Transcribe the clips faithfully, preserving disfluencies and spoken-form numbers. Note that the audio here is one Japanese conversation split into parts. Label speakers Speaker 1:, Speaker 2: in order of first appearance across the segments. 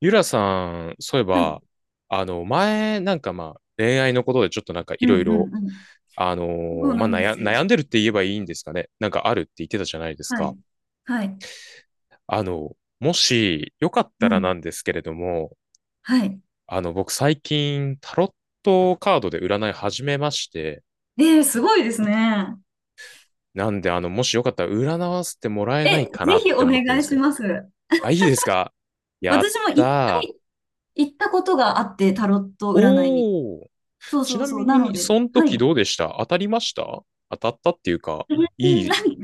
Speaker 1: ゆらさん、そういえ
Speaker 2: はい。
Speaker 1: ば、あの、前、なんかまあ、恋愛のことでちょっとなんかい
Speaker 2: うん
Speaker 1: ろいろ、
Speaker 2: うんうん。
Speaker 1: あの
Speaker 2: そう
Speaker 1: ーま
Speaker 2: な
Speaker 1: あ
Speaker 2: んで
Speaker 1: 悩、
Speaker 2: すよ。
Speaker 1: 悩んでるって言えばいいんですかね。なんかあるって言ってたじゃないです
Speaker 2: は
Speaker 1: か。
Speaker 2: い。はい。
Speaker 1: あの、もし、よかっ
Speaker 2: う
Speaker 1: たらな
Speaker 2: ん。
Speaker 1: んですけれども、
Speaker 2: はい。
Speaker 1: あの、僕最近、タロットカードで占い始めまして、
Speaker 2: ええ、すごいですね。
Speaker 1: なんで、あの、もしよかったら占わせてもらえない
Speaker 2: え、ぜ
Speaker 1: かなっ
Speaker 2: ひ
Speaker 1: て
Speaker 2: お
Speaker 1: 思ってるん
Speaker 2: 願
Speaker 1: で
Speaker 2: い
Speaker 1: すけ
Speaker 2: し
Speaker 1: ど。
Speaker 2: ます。
Speaker 1: あ、いいですか？やっ
Speaker 2: 私も
Speaker 1: た
Speaker 2: い、
Speaker 1: ー。
Speaker 2: 行ったことがあって、タロット占いに。
Speaker 1: おー。
Speaker 2: そう
Speaker 1: ち
Speaker 2: そ
Speaker 1: な
Speaker 2: うそう。
Speaker 1: み
Speaker 2: なの
Speaker 1: に、
Speaker 2: で、
Speaker 1: その
Speaker 2: はい。
Speaker 1: 時 どうでした？当たりました？当たったっていうか、
Speaker 2: うん、
Speaker 1: いい。
Speaker 2: なん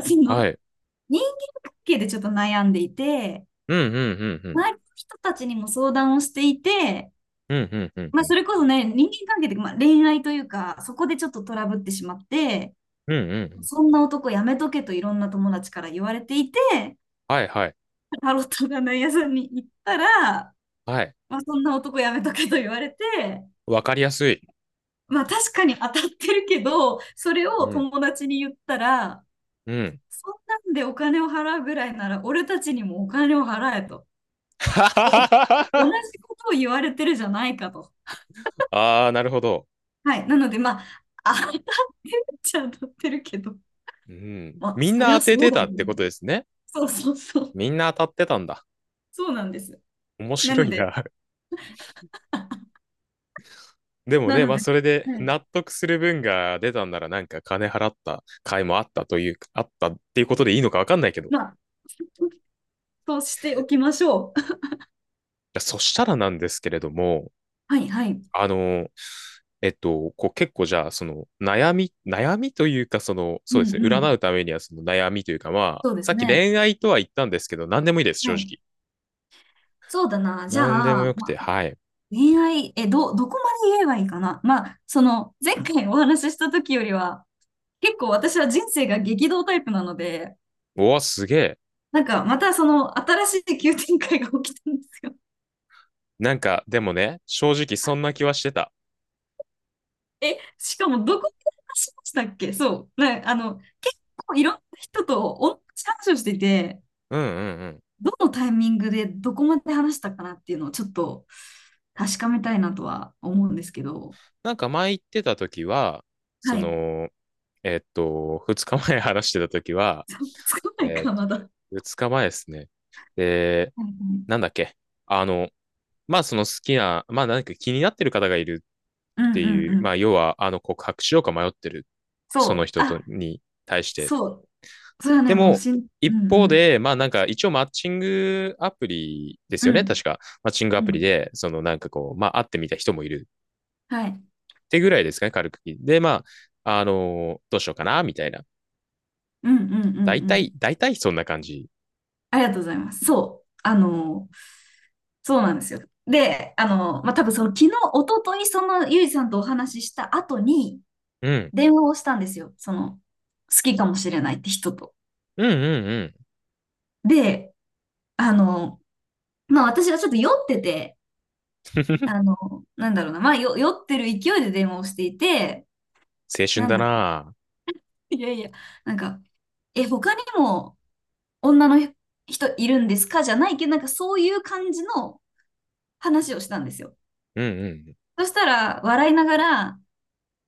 Speaker 2: か、そ
Speaker 1: は
Speaker 2: の、
Speaker 1: い。
Speaker 2: 人間関係でちょっと悩んでいて、
Speaker 1: うんうんうんう
Speaker 2: 周
Speaker 1: ん。
Speaker 2: りの人たちにも相談をしていて、
Speaker 1: うんうんうん
Speaker 2: ま
Speaker 1: う
Speaker 2: あ、
Speaker 1: ん。
Speaker 2: それこそね、人間関係で、まあ、恋愛というか、そこでちょっとトラブってしまって、
Speaker 1: うんうんうん。
Speaker 2: そんな男やめとけといろんな友達から言われていて、
Speaker 1: はいはい。
Speaker 2: タロット占い屋さんに行ったら、
Speaker 1: はい。
Speaker 2: まあ、そんな男やめとけと言われて、
Speaker 1: わかりやすい。
Speaker 2: まあ確かに当たってるけど、それ
Speaker 1: う
Speaker 2: を
Speaker 1: ん。
Speaker 2: 友達に言ったら、
Speaker 1: うん。
Speaker 2: そんなんでお金を払うぐらいなら俺たちにもお金を払えと。お、同じことを言われてるじゃないかと。
Speaker 1: ああ、なるほど。
Speaker 2: はい。なのでまあ、当たってるっちゃ当たってるけど、
Speaker 1: うん。
Speaker 2: まあ
Speaker 1: みん
Speaker 2: そり
Speaker 1: な
Speaker 2: ゃ
Speaker 1: 当て
Speaker 2: そう
Speaker 1: て
Speaker 2: だ
Speaker 1: た
Speaker 2: よ
Speaker 1: ってこ
Speaker 2: ね。
Speaker 1: とですね。
Speaker 2: そうそうそう。
Speaker 1: みんな当たってたんだ。
Speaker 2: そうなんです。
Speaker 1: 面
Speaker 2: な
Speaker 1: 白
Speaker 2: の
Speaker 1: いな。
Speaker 2: で、
Speaker 1: でも
Speaker 2: な
Speaker 1: ね、
Speaker 2: の
Speaker 1: まあ
Speaker 2: で、
Speaker 1: それで
Speaker 2: はい、
Speaker 1: 納得する分が出たんならなんか金払った回もあったという、あったっていうことでいいのかわかんないけど。い
Speaker 2: まあ、としておきましょう。
Speaker 1: やそしたらなんですけれども、
Speaker 2: はいはい。
Speaker 1: あの、えっと、こう結構じゃあ、その悩み、悩みというか、その、
Speaker 2: うん
Speaker 1: そうですね、
Speaker 2: うん。
Speaker 1: 占うためにはその悩みというか、まあ、
Speaker 2: そうで
Speaker 1: さ
Speaker 2: す
Speaker 1: っき
Speaker 2: ね。
Speaker 1: 恋愛とは言ったんですけど、何でもいいです、
Speaker 2: は
Speaker 1: 正
Speaker 2: い。
Speaker 1: 直。
Speaker 2: そうだな。じゃ
Speaker 1: 何でも
Speaker 2: あ、
Speaker 1: よく
Speaker 2: ま
Speaker 1: て、
Speaker 2: あ、
Speaker 1: はい。
Speaker 2: 恋愛、え、ど、どこまで言えばいいかな。まあ、その、前回お話しした時よりは、結構私は人生が激動タイプなので、
Speaker 1: おわ、すげえ。
Speaker 2: なんかまたその新しい急展開が起きたんですよ。
Speaker 1: なんか、でもね、正直そんな気はしてた。
Speaker 2: え、しかもどこで話しましたっけ。そう、ね、あの、結構いろんな人と同じ話をしていて、
Speaker 1: うんうんうん。
Speaker 2: どのタイミングでどこまで話したかなっていうのをちょっと確かめたいなとは思うんですけど、
Speaker 1: なんか前言ってた時は、そ
Speaker 2: はい。
Speaker 1: の、えっと、二日前話してた時は、
Speaker 2: つつかない
Speaker 1: えっ
Speaker 2: か、ま
Speaker 1: と、
Speaker 2: だ。は
Speaker 1: 二日前ですね。で、
Speaker 2: いは
Speaker 1: な
Speaker 2: い、
Speaker 1: んだっけ。あの、まあその好きな、まあ何か気になってる方がいる
Speaker 2: うん
Speaker 1: っ
Speaker 2: う
Speaker 1: て
Speaker 2: ん
Speaker 1: いう、
Speaker 2: うん。
Speaker 1: まあ、要は、あの、告白しようか迷ってる、そ
Speaker 2: そ
Speaker 1: の
Speaker 2: う。
Speaker 1: 人と
Speaker 2: あ、
Speaker 1: に対して。
Speaker 2: そう。それは
Speaker 1: で
Speaker 2: ね、もう
Speaker 1: も、
Speaker 2: しん、う
Speaker 1: 一
Speaker 2: ん
Speaker 1: 方
Speaker 2: うん。
Speaker 1: で、まあなんか一応マッチングアプリです
Speaker 2: う
Speaker 1: よね、
Speaker 2: ん、
Speaker 1: 確か。マッチングア
Speaker 2: う
Speaker 1: プリ
Speaker 2: ん。
Speaker 1: で、そのなんかこう、まあ会ってみた人もいる
Speaker 2: はい。
Speaker 1: ってぐらいですかね、軽く。で、まあ、あのーどうしようかな、みたいな。
Speaker 2: うんうんう
Speaker 1: 大
Speaker 2: んう
Speaker 1: 体、
Speaker 2: ん。
Speaker 1: 大体そんな感じ。
Speaker 2: ありがとうございます。そう。あの、そうなんですよ。で、あの、まあ、多分その昨日、一昨日そのゆいさんとお話しした後に
Speaker 1: うん。
Speaker 2: 電話をしたんですよ。その、好きかもしれないって人と。
Speaker 1: うんうんうん。
Speaker 2: で、あの、まあ私はちょっと酔ってて、あの、なんだろうな、まあよ酔ってる勢いで電話をしていて、
Speaker 1: 青春
Speaker 2: なん
Speaker 1: だ
Speaker 2: だろ
Speaker 1: な。
Speaker 2: う、いやいや、なんか、え、他にも女の人いるんですかじゃないけど、なんかそういう感じの話をしたんですよ。
Speaker 1: うんうん。
Speaker 2: そしたら、笑いながら、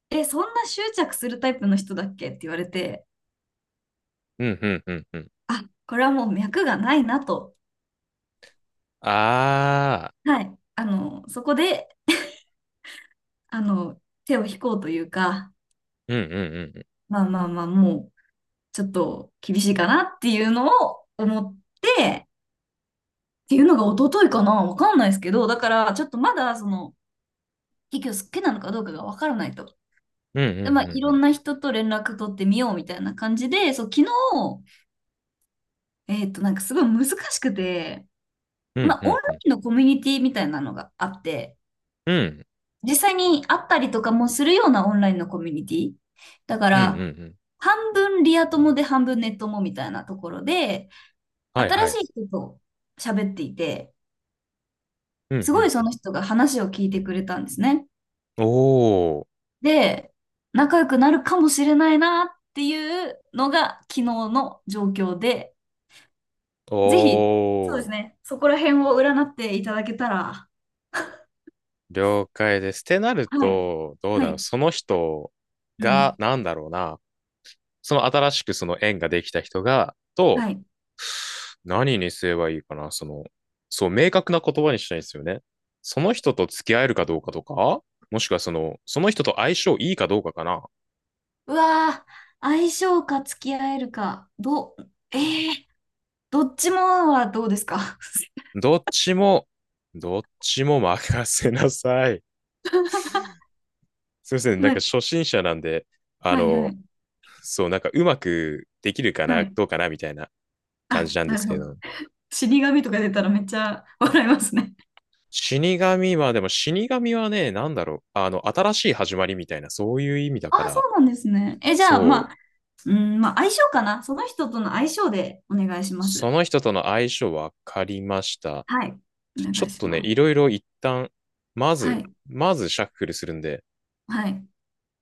Speaker 2: え、そんな執着するタイプの人だっけって言われて、
Speaker 1: うんうんうんうん。
Speaker 2: あ、これはもう脈がないなと。
Speaker 1: ああ。
Speaker 2: はい。あの、そこで、あの、手を引こうというか、
Speaker 1: うんうんうん。
Speaker 2: まあまあまあ、もう、ちょっと厳しいかなっていうのを思って、っていうのが一昨日かな、わかんないですけど、だからちょっとまだその、結局好きなのかどうかがわからないと。
Speaker 1: うんう
Speaker 2: で、ま
Speaker 1: ん
Speaker 2: あ、
Speaker 1: う
Speaker 2: い
Speaker 1: んう
Speaker 2: ろん
Speaker 1: ん。
Speaker 2: な人と連絡取ってみようみたいな感じで、そう、昨日、えっと、なんかすごい難しくて、
Speaker 1: う
Speaker 2: ま
Speaker 1: ん
Speaker 2: あ、
Speaker 1: う
Speaker 2: オン
Speaker 1: ん
Speaker 2: ラ
Speaker 1: うん。
Speaker 2: インのコミュニティみたいなのがあって、
Speaker 1: うん
Speaker 2: 実際に会ったりとかもするようなオンラインのコミュニティ。だか
Speaker 1: うんうんう
Speaker 2: ら、
Speaker 1: ん。
Speaker 2: 半分リア友で半分ネッ友みたいなところで、
Speaker 1: はいは
Speaker 2: 新し
Speaker 1: い。
Speaker 2: い人と喋っていて、
Speaker 1: うん
Speaker 2: すごい
Speaker 1: う
Speaker 2: そ
Speaker 1: ん
Speaker 2: の人が話を聞いてくれたんですね。
Speaker 1: うん。おー、
Speaker 2: で、仲良くなるかもしれないなっていうのが昨日の状況で、
Speaker 1: お
Speaker 2: ぜひ、そうです
Speaker 1: ー、
Speaker 2: ね、そこら辺を占っていただけたら、
Speaker 1: 了解です。ってなる
Speaker 2: はい、
Speaker 1: と、どう
Speaker 2: は
Speaker 1: だろう。
Speaker 2: い、
Speaker 1: その人
Speaker 2: う
Speaker 1: が、
Speaker 2: ん、
Speaker 1: なんだろうな。その新しくその縁ができた人が、と、
Speaker 2: はい。
Speaker 1: 何にすればいいかな。その、そう、明確な言葉にしたいんですよね。その人と付き合えるかどうかとか、もしくはその、その人と相性いいかどうかかな。
Speaker 2: うわー、相性か付き合えるか、どう、えー、どっちもはどうですか？
Speaker 1: どっちも、どっちも任せなさい。すいませ ん。なん
Speaker 2: ま
Speaker 1: か初
Speaker 2: あ
Speaker 1: 心者なんで、あ
Speaker 2: はい、は
Speaker 1: の、
Speaker 2: い、
Speaker 1: そう、なんかうまくできるか
Speaker 2: は
Speaker 1: な、
Speaker 2: い。
Speaker 1: どうかな、みたいな感じ
Speaker 2: あ、
Speaker 1: なんで
Speaker 2: な
Speaker 1: す
Speaker 2: るほ
Speaker 1: け
Speaker 2: ど。
Speaker 1: ど。
Speaker 2: 死神とか出たらめっちゃ笑いますね。
Speaker 1: 死神は、でも死神はね、なんだろう、あの、新しい始まりみたいな、そういう意味だか
Speaker 2: あ、そ
Speaker 1: ら、
Speaker 2: うなんですね。え、じゃあ、ま
Speaker 1: そ
Speaker 2: あ、
Speaker 1: う、
Speaker 2: うん、まあ、相性かな。その人との相性でお願いしま
Speaker 1: そ
Speaker 2: す。
Speaker 1: の人との相性分かりました。
Speaker 2: はい。お
Speaker 1: ちょち
Speaker 2: 願
Speaker 1: ょ
Speaker 2: い
Speaker 1: っ
Speaker 2: し
Speaker 1: とね、
Speaker 2: ます。
Speaker 1: いろいろ一旦、ま
Speaker 2: は
Speaker 1: ず、
Speaker 2: い。
Speaker 1: まずシャッフルするんで、
Speaker 2: はい。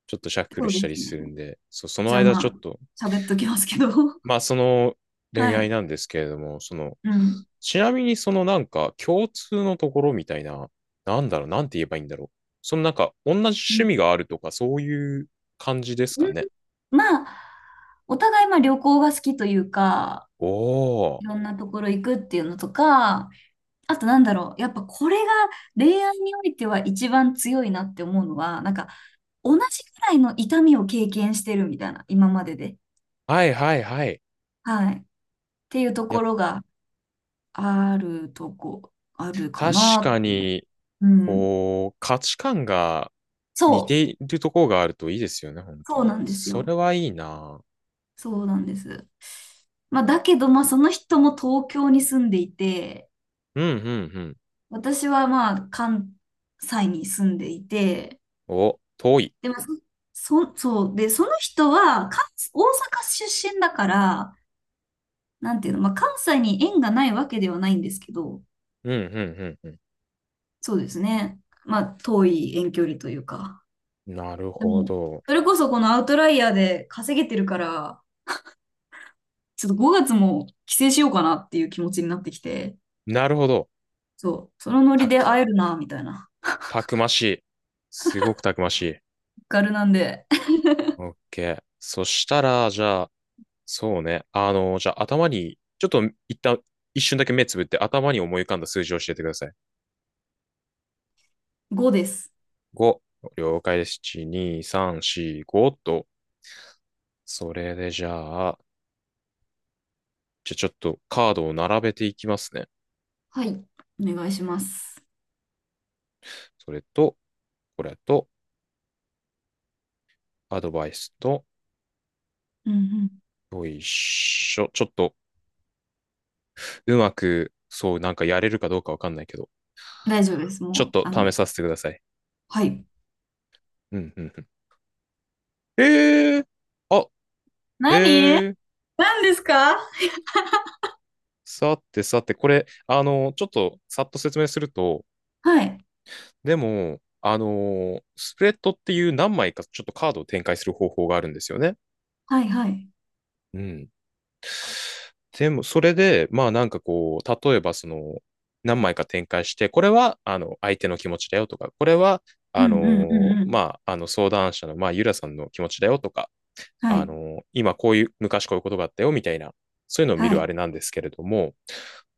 Speaker 1: ちょっとシャッフ
Speaker 2: そ
Speaker 1: ル
Speaker 2: うで
Speaker 1: したり
Speaker 2: すね。
Speaker 1: するんで、そう、その
Speaker 2: じゃあ、
Speaker 1: 間ち
Speaker 2: ま
Speaker 1: ょっと、
Speaker 2: あ、喋っときますけど。
Speaker 1: まあその恋
Speaker 2: は
Speaker 1: 愛
Speaker 2: い。
Speaker 1: なんですけれども、その
Speaker 2: うん。
Speaker 1: ちなみにそのなんか共通のところみたいな、なんだろう、なんて言えばいいんだろう。そのなんか同じ
Speaker 2: う
Speaker 1: 趣
Speaker 2: ん。
Speaker 1: 味があるとかそういう感じですか
Speaker 2: うん、
Speaker 1: ね。
Speaker 2: まあ、お互い、まあ、旅行が好きというか、
Speaker 1: お
Speaker 2: いろ
Speaker 1: ー。
Speaker 2: んなところ行くっていうのとか、あと、なんだろう。やっぱ、これが恋愛においては一番強いなって思うのは、なんか、同じくらいの痛みを経験してるみたいな、今までで。
Speaker 1: はいはいはい。
Speaker 2: はい。ていうと
Speaker 1: いや、
Speaker 2: ころがあるとこ、あるか
Speaker 1: 確
Speaker 2: なっ
Speaker 1: か
Speaker 2: て。
Speaker 1: に、
Speaker 2: うん。
Speaker 1: こう、価値観が似
Speaker 2: そう、
Speaker 1: ているところがあるといいですよね、本当
Speaker 2: そうな
Speaker 1: に。
Speaker 2: んです
Speaker 1: そ
Speaker 2: よ。
Speaker 1: れはいいな。
Speaker 2: そうなんです。まあ、だけど、まあ、その人も東京に住んでいて、
Speaker 1: うんうんうん。
Speaker 2: 私はまあ、関西に住んでいて、
Speaker 1: お、遠い。
Speaker 2: でも、まあそ、そそう、で、その人は関、大阪出身だから、なんていうの、まあ、関西に縁がないわけではないんですけど、
Speaker 1: うんうんうん
Speaker 2: そうですね。まあ、遠い遠距離というか。
Speaker 1: うん。なる
Speaker 2: で
Speaker 1: ほ
Speaker 2: も、
Speaker 1: ど。
Speaker 2: それこそこのアウトライヤーで稼げてるから、ちょっとごがつも帰省しようかなっていう気持ちになってきて、
Speaker 1: なるほど。
Speaker 2: そう、そのノリ
Speaker 1: た
Speaker 2: で
Speaker 1: く、
Speaker 2: 会えるな、みたいな。
Speaker 1: たくましい。すごくたくましい。
Speaker 2: ガルなんで、
Speaker 1: オッケーそしたら、じゃあ、そうね。あの、じゃあ頭に、ちょっと一旦、一瞬だけ目つぶって頭に思い浮かんだ数字を教えてください。
Speaker 2: ごです。
Speaker 1: ご。了解です。いち、に、さん、よん、ごと。それでじゃあ、じゃあちょっとカードを並べていきますね。
Speaker 2: はい、お願いします。
Speaker 1: それと、これと、アドバイスと、
Speaker 2: うんうん。
Speaker 1: よいしょ。ちょっと、うまく、そう、なんかやれるかどうかわかんないけど、
Speaker 2: 大丈夫です。
Speaker 1: ちょ
Speaker 2: も
Speaker 1: っ
Speaker 2: う、
Speaker 1: と
Speaker 2: あ
Speaker 1: 試
Speaker 2: の、
Speaker 1: させてください。
Speaker 2: はい。
Speaker 1: うん、うん、うん。えー、あ、
Speaker 2: 何
Speaker 1: えー、
Speaker 2: 何ですか？
Speaker 1: さてさて、これ、あの、ちょっとさっと説明すると、
Speaker 2: はい、
Speaker 1: でも、あの、スプレッドっていう何枚かちょっとカードを展開する方法があるんですよね。
Speaker 2: はい、はい。
Speaker 1: うん。でも、それで、まあなんかこう、例えばその、何枚か展開して、これは、あの、相手の気持ちだよとか、これは、
Speaker 2: う
Speaker 1: あ
Speaker 2: んうんう
Speaker 1: の、
Speaker 2: んうん。
Speaker 1: まあ、あの、相談者の、まあ、ゆらさんの気持ちだよとか、
Speaker 2: は
Speaker 1: あ
Speaker 2: い、
Speaker 1: の、今こういう、昔こういうことがあったよ、みたいな、そういうのを見
Speaker 2: は
Speaker 1: るあれ
Speaker 2: い、
Speaker 1: なんですけれども、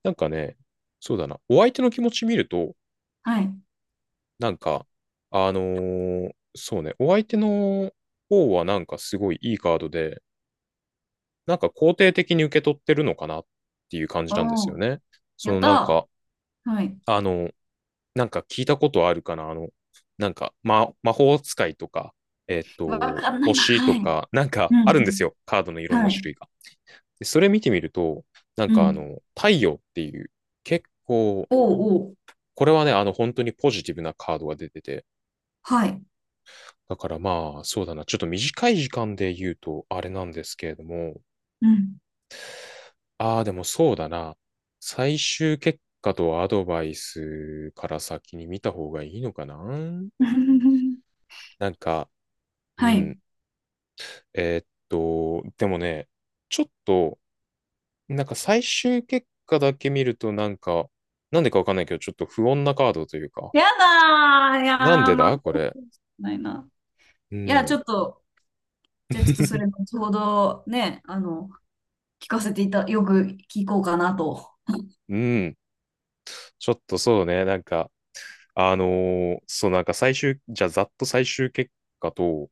Speaker 1: なんかね、そうだな、お相手の気持ち見ると、
Speaker 2: はい。
Speaker 1: なんか、あのーそうね、お相手の方はなんかすごいいいカードで、なんか肯定的に受け取ってるのかなっていう感じなんですよ
Speaker 2: おー、
Speaker 1: ね。そ
Speaker 2: やっ
Speaker 1: のなん
Speaker 2: た
Speaker 1: か、
Speaker 2: ー。はい。
Speaker 1: あの、なんか聞いたことあるかな、あの、なんか、ま、魔法使いとか、えっ
Speaker 2: わ
Speaker 1: と、
Speaker 2: かんないな。
Speaker 1: 星と
Speaker 2: はい。
Speaker 1: か、なん
Speaker 2: う
Speaker 1: か
Speaker 2: ん
Speaker 1: ある
Speaker 2: う
Speaker 1: んです
Speaker 2: ん。
Speaker 1: よ、カードのいろん
Speaker 2: は
Speaker 1: な
Speaker 2: い。
Speaker 1: 種類が。でそれ見てみると、なん
Speaker 2: う
Speaker 1: かあ
Speaker 2: ん。
Speaker 1: の、太陽っていう、結構、
Speaker 2: おうおう。
Speaker 1: これはね、あの、本当にポジティブなカードが出てて、
Speaker 2: はい。
Speaker 1: だからまあ、そうだな、ちょっと短い時間で言うと、あれなんですけれども、
Speaker 2: うん。
Speaker 1: ああ、でもそうだな、最終結果とアドバイスから先に見た方がいいのかな？ なんか、う
Speaker 2: はい。
Speaker 1: ん、えーっと、でもね、ちょっと、なんか最終結果だけ見ると、なんか、なんでかわかんないけど、ちょっと不穏なカードというか、
Speaker 2: やだー。いやー、
Speaker 1: なんで
Speaker 2: まあ、
Speaker 1: だこれ。
Speaker 2: ないな。
Speaker 1: う
Speaker 2: いや、ち
Speaker 1: ん。
Speaker 2: ょっと、じゃあちょっとそれ後ほどね、あの、聞かせていた、よく聞こうかなと。
Speaker 1: うん。ちょっとそうね。なんか、あのーそう、なんか最終、じゃあざっと最終結果と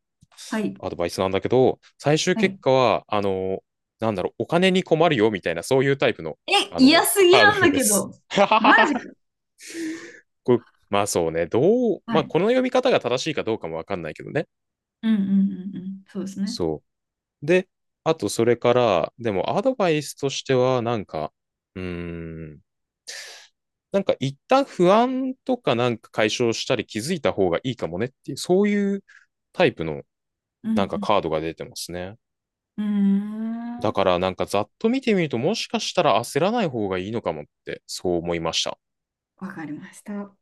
Speaker 2: はい。
Speaker 1: アドバイスなんだけど、最終
Speaker 2: は
Speaker 1: 結
Speaker 2: い。
Speaker 1: 果は、あのーなんだろう、お金に困るよみたいな、そういうタイプの、
Speaker 2: え、
Speaker 1: あ
Speaker 2: 嫌
Speaker 1: の
Speaker 2: すぎ
Speaker 1: カ
Speaker 2: なん
Speaker 1: ード
Speaker 2: だ
Speaker 1: で
Speaker 2: け
Speaker 1: す。
Speaker 2: ど。
Speaker 1: ははは
Speaker 2: マジか。
Speaker 1: はこうまあそうね。どう、
Speaker 2: は
Speaker 1: まあ
Speaker 2: い。
Speaker 1: この読み方が正しいかどうかもわかんないけどね。
Speaker 2: うんうんうんうん。そうですね。
Speaker 1: そう。で、あとそれから、でもアドバイスとしては、なんか、うーん、なんか一旦不安とかなんか解消したり気づいた方がいいかもねっていう、そういうタイプの
Speaker 2: う
Speaker 1: なんか
Speaker 2: ん
Speaker 1: カードが出てますね。
Speaker 2: うん。うー
Speaker 1: だ
Speaker 2: ん。
Speaker 1: からなんかざっと見てみるともしかしたら焦らない方がいいのかもってそう思いました。
Speaker 2: わかりました。